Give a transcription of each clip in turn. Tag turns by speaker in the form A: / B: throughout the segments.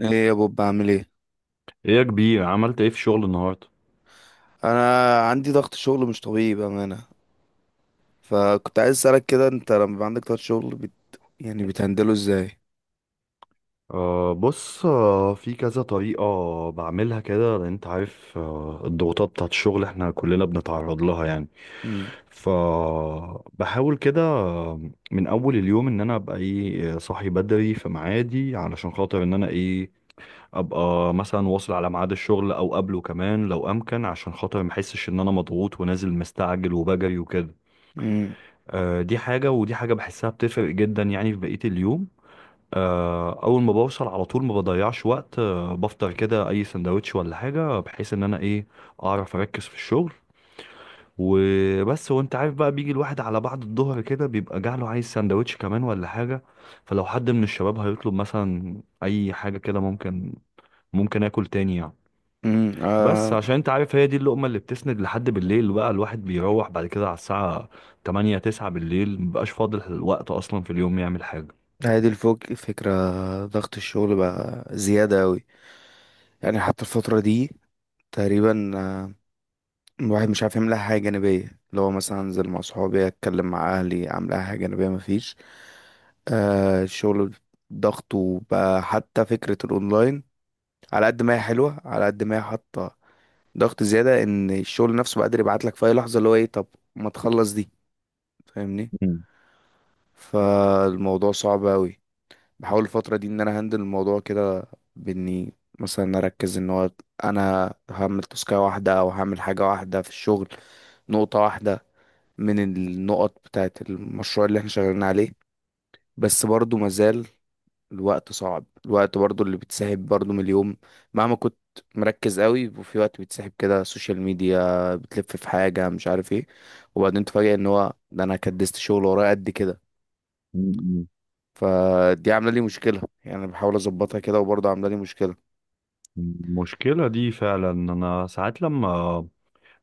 A: ايه يا بوب عامل ايه؟
B: ايه يا كبير عملت ايه في الشغل النهارده؟
A: انا عندي ضغط شغل مش طبيعي بامانه. فكنت عايز اسالك كده، انت لما بيبقى عندك ضغط شغل يعني بتهندله ازاي؟
B: بص، في كذا طريقة بعملها كده، لأن أنت عارف الضغوطات بتاعت الشغل احنا كلنا بنتعرض لها يعني.
A: امم
B: فبحاول كده، من أول اليوم إن أنا أبقى إيه، صاحي بدري في ميعادي، علشان خاطر إن أنا إيه، أبقى مثلا واصل على ميعاد الشغل أو قبله كمان لو أمكن، عشان خاطر محسش إن أنا مضغوط ونازل مستعجل وبجري وكده.
A: امم
B: أه دي حاجة، ودي حاجة بحسها بتفرق جدا يعني في بقية اليوم. اول ما بوصل على طول ما بضيعش وقت، بفطر كده اي سندوتش ولا حاجه، بحيث ان انا ايه اعرف اركز في الشغل وبس. وانت عارف بقى بيجي الواحد على بعد الظهر كده بيبقى جعله، عايز سندوتش كمان ولا حاجه، فلو حد من الشباب هيطلب مثلا اي حاجه كده ممكن اكل تاني يعني.
A: امم
B: بس
A: آه
B: عشان انت عارف هي دي اللقمه اللي بتسند لحد بالليل، بقى الواحد بيروح بعد كده على الساعه 8 9 بالليل مبقاش فاضل الوقت اصلا في اليوم يعمل حاجه.
A: هذه الفوق فكره. ضغط الشغل بقى زياده قوي، يعني حتى الفتره دي تقريبا الواحد مش عارف يعمل اي حاجه جانبيه، اللي هو مثلا انزل مع صحابي، اتكلم مع اهلي، اعمل اي حاجه جانبيه مفيش. الشغل ضغطه بقى، حتى فكره الاونلاين، على قد ما هي حلوه على قد ما هي حاطه ضغط زياده، ان الشغل نفسه بقدر يبعت لك في اي لحظه اللي هو ايه. طب ما تخلص دي؟ فاهمني. فالموضوع صعب قوي. بحاول الفتره دي ان انا هندل الموضوع كده، باني مثلا اركز ان هو انا هعمل تسكاية واحده او هعمل حاجه واحده في الشغل، نقطه واحده من النقط بتاعت المشروع اللي احنا شغالين عليه. بس برضو مازال الوقت صعب، الوقت برضو اللي بتسحب برضو من اليوم، مهما كنت مركز قوي، وفي وقت بتسحب كده سوشيال ميديا، بتلف في حاجة مش عارف ايه، وبعدين تفاجئ ان هو ده انا كدست شغل ورايا قد كده.
B: مم.
A: فدي عاملة لي مشكلة يعني. أنا بحاول اظبطها كده وبرضو عاملة لي مشكلة.
B: المشكلة دي فعلا أنا ساعات لما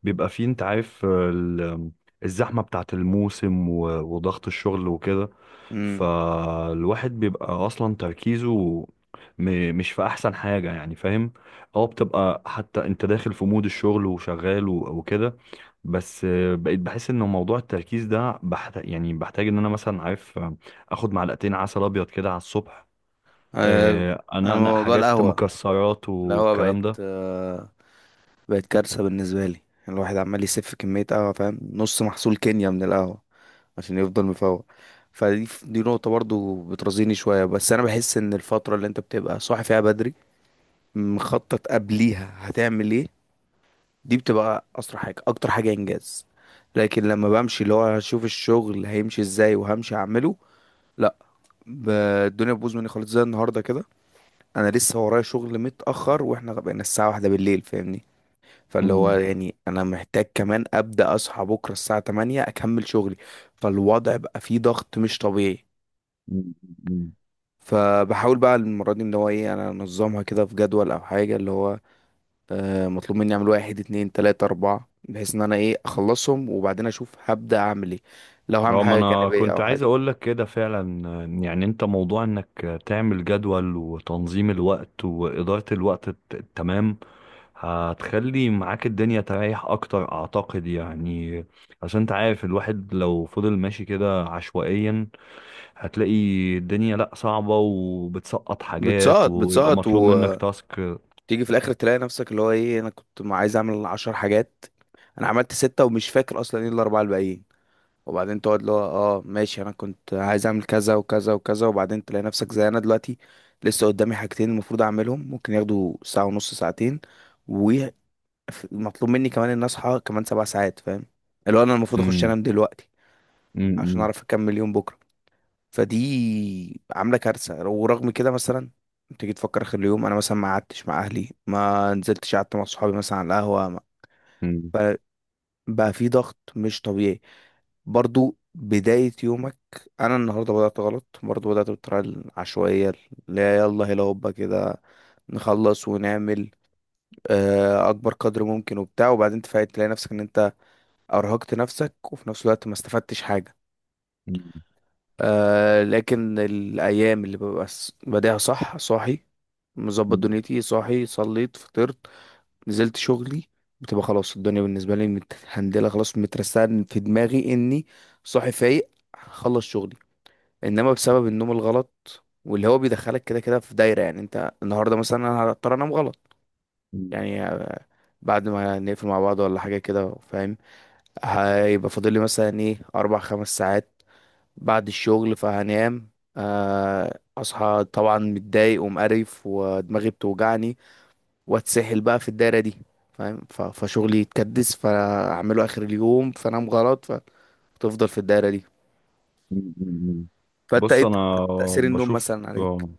B: بيبقى فيه أنت عارف الزحمة بتاعت الموسم وضغط الشغل وكده،
A: امم
B: فالواحد بيبقى أصلا تركيزه مش في أحسن حاجة يعني، فاهم؟ أه بتبقى حتى أنت داخل في مود الشغل وشغال وكده، بس بقيت بحس إن موضوع التركيز ده بحتاج، يعني بحتاج إن أنا مثلا عارف آخد معلقتين عسل أبيض كده على الصبح،
A: آه، انا
B: أنقنق
A: موضوع
B: حاجات
A: القهوة،
B: مكسرات
A: القهوة بقت
B: والكلام ده.
A: بقت كارثة بالنسبة لي. الواحد عمال يسف كمية قهوة، فاهم، نص محصول كينيا من القهوة عشان يفضل مفوق. فدي نقطة برضو بترزيني شوية. بس أنا بحس إن الفترة اللي أنت بتبقى صاحي فيها بدري، مخطط قبليها هتعمل إيه، دي بتبقى أسرع حاجة، أكتر حاجة إنجاز. لكن لما بمشي اللي هو هشوف الشغل هيمشي إزاي وهمشي أعمله، لأ، ب- الدنيا بتبوظ مني خالص زي النهاردة كده. أنا لسه ورايا شغل متأخر وإحنا بقينا الساعة واحدة بالليل، فاهمني. فاللي هو
B: مم.
A: يعني أنا محتاج كمان أبدأ أصحى بكرة الساعة 8 أكمل شغلي. فالوضع بقى فيه ضغط مش طبيعي.
B: مم. مم.
A: فبحاول بقى المرة دي ان هو ايه، انا انظمها كده في جدول او حاجة، اللي هو مطلوب مني اعمل واحد اتنين تلاتة اربعة، بحيث ان انا ايه اخلصهم، وبعدين اشوف هبدأ اعمل ايه، لو هعمل
B: اه ما
A: حاجة
B: انا
A: جانبية
B: كنت
A: او
B: عايز
A: حاجة.
B: اقول لك كده فعلا. يعني انت موضوع انك تعمل جدول وتنظيم الوقت وادارة الوقت التمام، هتخلي معاك الدنيا تريح اكتر اعتقد يعني. عشان انت عارف الواحد لو فضل ماشي كده عشوائيا هتلاقي الدنيا لا صعبة وبتسقط حاجات
A: بتسقط
B: ويبقى
A: بتسقط
B: مطلوب منك
A: وتيجي
B: تاسك.
A: في الاخر تلاقي نفسك اللي هو ايه، انا كنت ما عايز اعمل عشر حاجات، انا عملت ستة ومش فاكر اصلا ايه الاربعة الباقيين. وبعدين تقعد اللي هو اه ماشي، انا كنت عايز اعمل كذا وكذا وكذا، وبعدين تلاقي نفسك زي انا دلوقتي، لسه قدامي حاجتين المفروض اعملهم، ممكن ياخدوا ساعة ونص ساعتين، ومطلوب مني كمان ان اصحى كمان سبع ساعات، فاهم؟ اللي هو انا المفروض اخش
B: مم.
A: انام دلوقتي عشان
B: مم.
A: اعرف اكمل يوم بكرة. فدي عاملة كارثة. ورغم كده مثلا تيجي تفكر اخر اليوم، انا مثلا ما قعدتش مع اهلي، ما نزلتش قعدت مع صحابي مثلا على القهوة.
B: مم.
A: بقى في ضغط مش طبيعي. برضو بداية يومك، أنا النهاردة بدأت غلط، برضو بدأت بالطريقة العشوائية اللي هي يلا هلا هوبا كده، نخلص ونعمل أكبر قدر ممكن وبتاع، وبعدين تفاجئ تلاقي نفسك إن أنت أرهقت نفسك وفي نفس الوقت ما استفدتش حاجة.
B: مم.
A: لكن الأيام اللي ببقى بادئها صح، صاحي، مظبط
B: مم.
A: دنيتي، صاحي صليت فطرت نزلت شغلي، بتبقى خلاص الدنيا بالنسبة لي متهندلة، خلاص مترسان في دماغي اني صاحي فايق هخلص شغلي. انما بسبب النوم الغلط، واللي هو بيدخلك كده كده في دايرة، يعني انت النهاردة مثلا انا هضطر انام غلط
B: مم.
A: يعني بعد ما نقفل مع بعض ولا حاجة كده فاهم، هيبقى فاضل لي مثلا ايه اربع خمس ساعات بعد الشغل فهنام. اصحى طبعا متضايق ومقرف ودماغي بتوجعني، واتسحل بقى في الدايره دي فاهم. فشغلي يتكدس، فاعمله اخر اليوم، فانام غلط، فتفضل في الدايره دي.
B: مم. مم.
A: فانت
B: بص،
A: ايه،
B: انا
A: تاثير النوم
B: بشوف،
A: مثلا عليك؟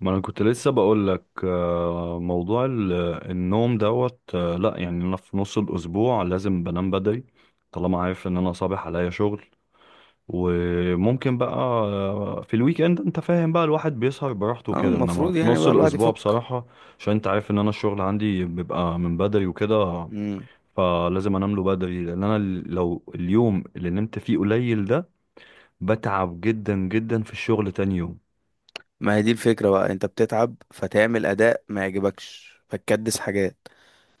B: ما انا كنت لسه بقول لك، موضوع النوم دوت، لا يعني انا في نص الاسبوع لازم بنام بدري طالما عارف ان انا صابح عليا شغل. وممكن بقى، في الويك اند انت فاهم بقى الواحد بيسهر براحته
A: اه
B: وكده، انما
A: المفروض
B: في
A: يعني
B: نص
A: بقى الواحد
B: الاسبوع
A: يفك.
B: بصراحة، عشان انت عارف ان انا الشغل عندي بيبقى من بدري وكده،
A: امم
B: فلازم انام له بدري، لان انا لو اليوم اللي نمت فيه قليل ده بتعب جدا جدا في الشغل تاني يوم.
A: ما هي دي الفكره بقى، انت بتتعب فتعمل اداء ما يعجبكش، فتكدس حاجات،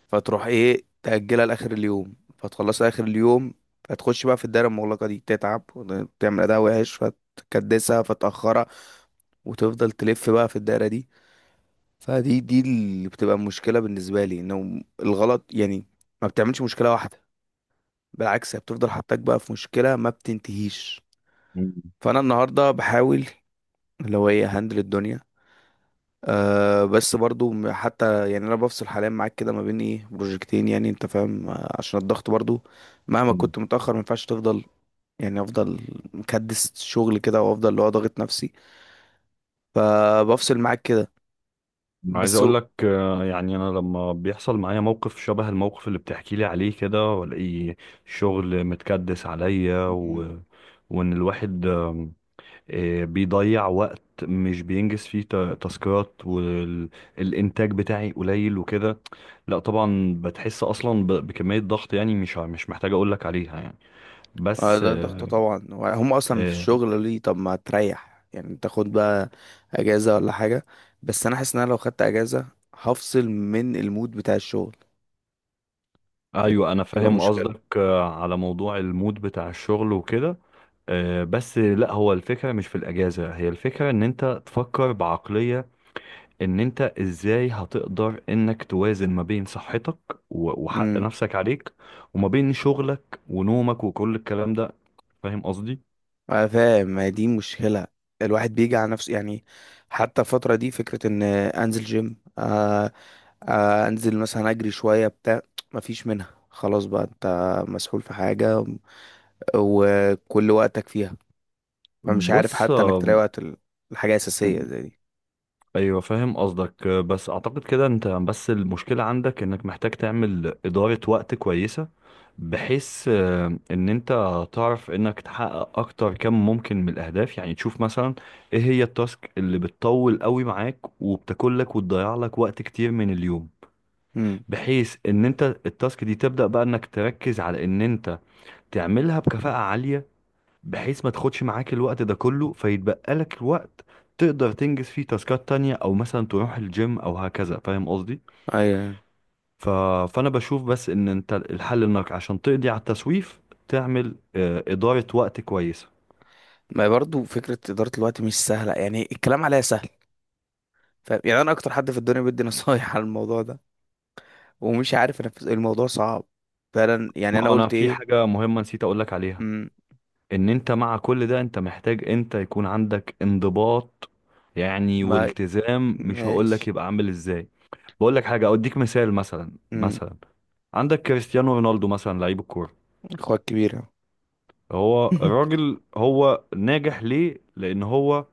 A: فتروح ايه تاجلها لاخر اليوم، فتخلصها اخر اليوم، فتخش بقى في الدايره المغلقه دي، تتعب وتعمل اداء وحش، فتكدسها فتاخرها، وتفضل تلف بقى في الدايره دي. فدي اللي بتبقى مشكلة بالنسبة لي، انه الغلط يعني ما بتعملش مشكلة واحدة، بالعكس هي بتفضل حطاك بقى في مشكلة ما بتنتهيش.
B: مم.
A: فانا النهاردة بحاول اللي هو ايه هندل الدنيا. أه بس برضو حتى يعني انا بفصل حاليا معاك كده ما بين ايه بروجكتين، يعني انت فاهم عشان الضغط برضو، مهما
B: مم.
A: كنت متأخر ما ينفعش تفضل، يعني افضل مكدس شغل كده وافضل اللي هو ضاغط نفسي، فبفصل معاك كده
B: عايز
A: بس.
B: اقول لك، يعني انا لما بيحصل معايا موقف شبه الموقف اللي بتحكي لي عليه كده، والاقي شغل متكدس عليا، و... وان الواحد بيضيع وقت مش بينجز فيه تاسكات، والانتاج بتاعي قليل وكده، لا طبعا بتحس اصلا ب... بكمية ضغط يعني، مش مش محتاج اقول لك عليها يعني. بس
A: ده ضغط طبعا. هم اصلا في
B: آه،
A: الشغل ليه؟ طب ما تريح يعني، تاخد بقى اجازه ولا حاجه. بس انا حاسس ان انا لو خدت اجازه هفصل من المود بتاع الشغل،
B: ايوه انا
A: دي تبقى
B: فاهم
A: مشكله.
B: قصدك، على موضوع المود بتاع الشغل وكده. بس لا، هو الفكرة مش في الأجازة، هي الفكرة إن أنت تفكر بعقلية إن أنت إزاي هتقدر إنك توازن ما بين صحتك وحق
A: امم.
B: نفسك عليك، وما بين شغلك ونومك وكل الكلام ده. فاهم قصدي؟
A: انا فاهم، ما هي دي مشكله، الواحد بيجي على نفسه يعني. حتى الفتره دي فكره ان انزل جيم، آه، آه انزل مثلا اجري شويه بتاع، ما فيش منها خلاص بقى، انت مسحول في حاجه وكل وقتك فيها، فمش عارف
B: بص،
A: حتى انك تلاقي وقت الحاجه اساسيه زي دي.
B: أيوة فاهم قصدك، بس أعتقد كده أنت بس المشكلة عندك إنك محتاج تعمل إدارة وقت كويسة، بحيث ان انت تعرف انك تحقق اكتر كم ممكن من الاهداف. يعني تشوف مثلا ايه هي التاسك اللي بتطول قوي معاك وبتاكل لك وتضيع لك وقت كتير من اليوم،
A: امم.
B: بحيث ان انت التاسك دي تبدأ بقى انك تركز على ان انت تعملها بكفاءة عالية، بحيث ما تاخدش معاك الوقت ده كله، فيتبقى لك الوقت تقدر تنجز فيه تاسكات تانية، او مثلا تروح الجيم او هكذا، فاهم قصدي؟
A: ايوه.
B: ف... فانا بشوف بس ان انت الحل، انك عشان تقضي على التسويف تعمل، ادارة وقت كويسة.
A: ما برضو فكره اداره الوقت مش سهله يعني، الكلام عليها سهل فاهم، يعني انا اكتر حد في الدنيا بدي نصايح على الموضوع ده ومش عارف انفذ، الموضوع صعب فعلا يعني. انا
B: ما انا
A: قلت
B: في
A: ايه؟
B: حاجة مهمة نسيت اقولك عليها،
A: امم.
B: ان انت مع كل ده انت محتاج، انت يكون عندك انضباط يعني
A: ما
B: والتزام. مش هقولك
A: ماشي.
B: يبقى عامل ازاي، بقولك حاجة اوديك مثال. مثلا
A: امم.
B: عندك كريستيانو رونالدو مثلا، لعيب الكورة،
A: اخوات كبيره.
B: هو الراجل هو ناجح ليه؟ لان هو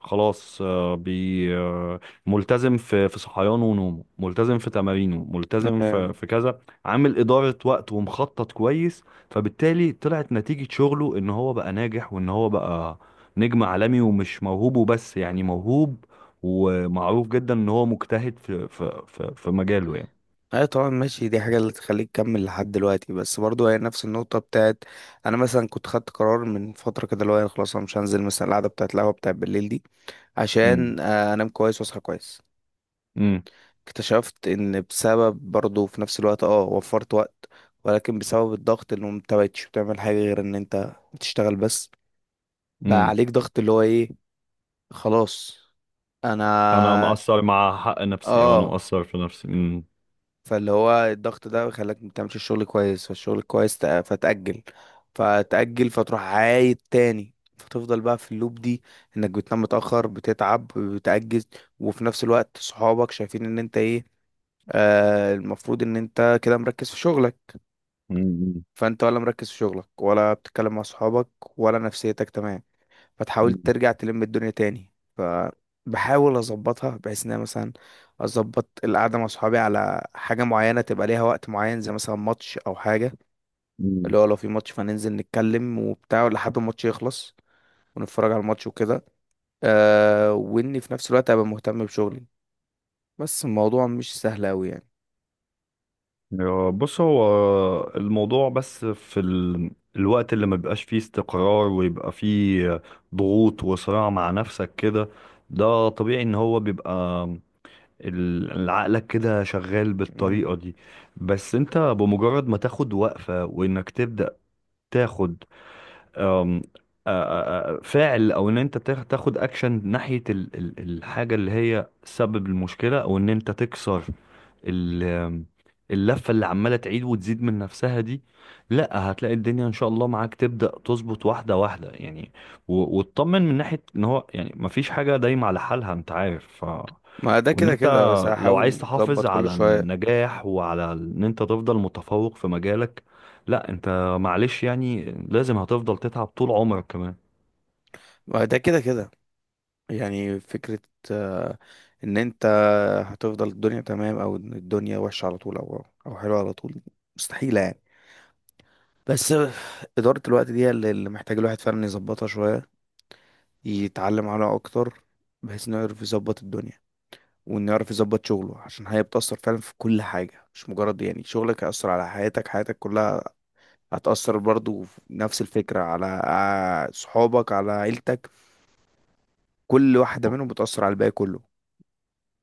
B: خلاص ملتزم في صحيانه ونومه، ملتزم في تمارينه، ملتزم في
A: ايوه.
B: كذا، عامل إدارة وقت ومخطط كويس، فبالتالي طلعت نتيجة شغله ان هو بقى ناجح، وان هو بقى نجم عالمي، ومش موهوب وبس، يعني موهوب ومعروف جدا ان هو مجتهد في مجاله يعني.
A: أيوة طبعا ماشي، دي حاجه اللي تخليك تكمل لحد دلوقتي. بس برضو هي نفس النقطه بتاعت، انا مثلا كنت خدت قرار من فتره كده اللي هو أنا خلاص، انا مش هنزل مثلا القعده بتاعت القهوه بتاعت بالليل دي
B: امم.
A: عشان انام كويس واصحى كويس.
B: امم.
A: اكتشفت ان بسبب برضه في نفس الوقت اه وفرت وقت، ولكن بسبب الضغط، انه انت مبقتش بتعمل حاجة غير ان انت بتشتغل بس، بقى
B: امم.
A: عليك ضغط اللي هو ايه. خلاص.
B: انا
A: انا
B: مقصر مع حق نفسي، او انا
A: اه.
B: مقصر في نفسي.
A: فاللي هو الضغط ده خلاك ما بتعملش الشغل كويس، فالشغل كويس فتأجل، فتأجل، فتروح عايد تاني، فتفضل بقى في اللوب دي، انك بتنام متأخر بتتعب بتأجز، وفي نفس الوقت صحابك شايفين ان انت ايه، آه المفروض ان انت كده مركز في شغلك.
B: مم.
A: فانت ولا مركز في شغلك ولا بتتكلم مع صحابك ولا نفسيتك تمام. فتحاول
B: مم.
A: ترجع تلم الدنيا تاني. فبحاول اظبطها بحيث ان انا مثلا اظبط القعده مع صحابي على حاجه معينه تبقى ليها وقت معين، زي مثلا ماتش او حاجه،
B: مم.
A: اللي هو لو في ماتش فننزل نتكلم وبتاع لحد ما الماتش يخلص ونتفرج على الماتش وكده. أه واني في نفس الوقت ابقى مهتم بشغلي، بس الموضوع مش سهل اوي يعني.
B: يا- بص، هو الموضوع بس في ال... الوقت اللي ما بيبقاش فيه استقرار ويبقى فيه ضغوط وصراع مع نفسك كده، ده طبيعي ان هو بيبقى عقلك كده شغال
A: مم.
B: بالطريقة دي. بس انت بمجرد ما تاخد وقفة، وانك تبدأ تاخد أم، آ- فاعل، او ان انت تاخد اكشن ناحية الحاجة اللي هي سبب المشكلة، او ان انت تكسر ال- آم، اللفة اللي عمالة تعيد وتزيد من نفسها دي، لا هتلاقي الدنيا ان شاء الله معاك تبدأ تظبط واحدة واحدة يعني. وتطمن من ناحية ان هو يعني مفيش حاجة دايمة على حالها، انت عارف.
A: ما ده
B: وان
A: كده
B: انت
A: كده، بس
B: لو عايز
A: هحاول
B: تحافظ
A: اظبط كل
B: على
A: شويه.
B: النجاح وعلى ان انت تفضل متفوق في مجالك، لا انت معلش يعني لازم هتفضل تتعب طول عمرك كمان.
A: ما ده كده كده يعني. فكرة آه، ان انت هتفضل الدنيا تمام، او إن الدنيا وحشة على طول او حلوة على طول، مستحيلة يعني. بس إدارة الوقت دي اللي محتاج الواحد فعلا يظبطها شوية، يتعلم عليها اكتر، بحيث انه يعرف يظبط الدنيا، وانه يعرف يظبط شغله، عشان هي بتأثر فعلا في كل حاجة، مش مجرد يعني شغلك هيأثر على حياتك، حياتك كلها هتأثر برضو في نفس الفكرة على صحابك على عيلتك، كل واحدة منهم بتأثر على الباقي كله.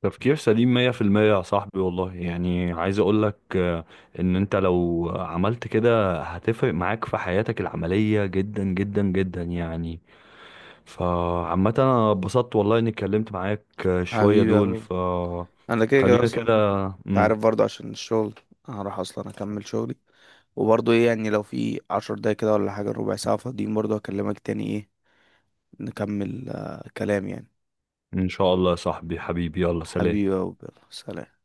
B: تفكير سليم 100% يا صاحبي والله. يعني عايز اقولك، ان انت لو عملت كده هتفرق معاك في حياتك العملية جدا جدا جدا يعني. فعامة انا اتبسطت والله اني اتكلمت معاك، شوية
A: حبيبي،
B: دول،
A: انا كده كده
B: فخلينا
A: اصلا،
B: كده.
A: انت
B: مم.
A: عارف برضه عشان الشغل هروح اصلا اكمل شغلي. وبرضه ايه يعني، لو في عشر دقايق كده ولا حاجة ربع ساعة فاضيين، برضه هكلمك تاني ايه، نكمل كلام يعني.
B: ان شاء الله يا صاحبي، حبيبي، يلا سلام.
A: حبيبي يا أبو، يلا، سلام.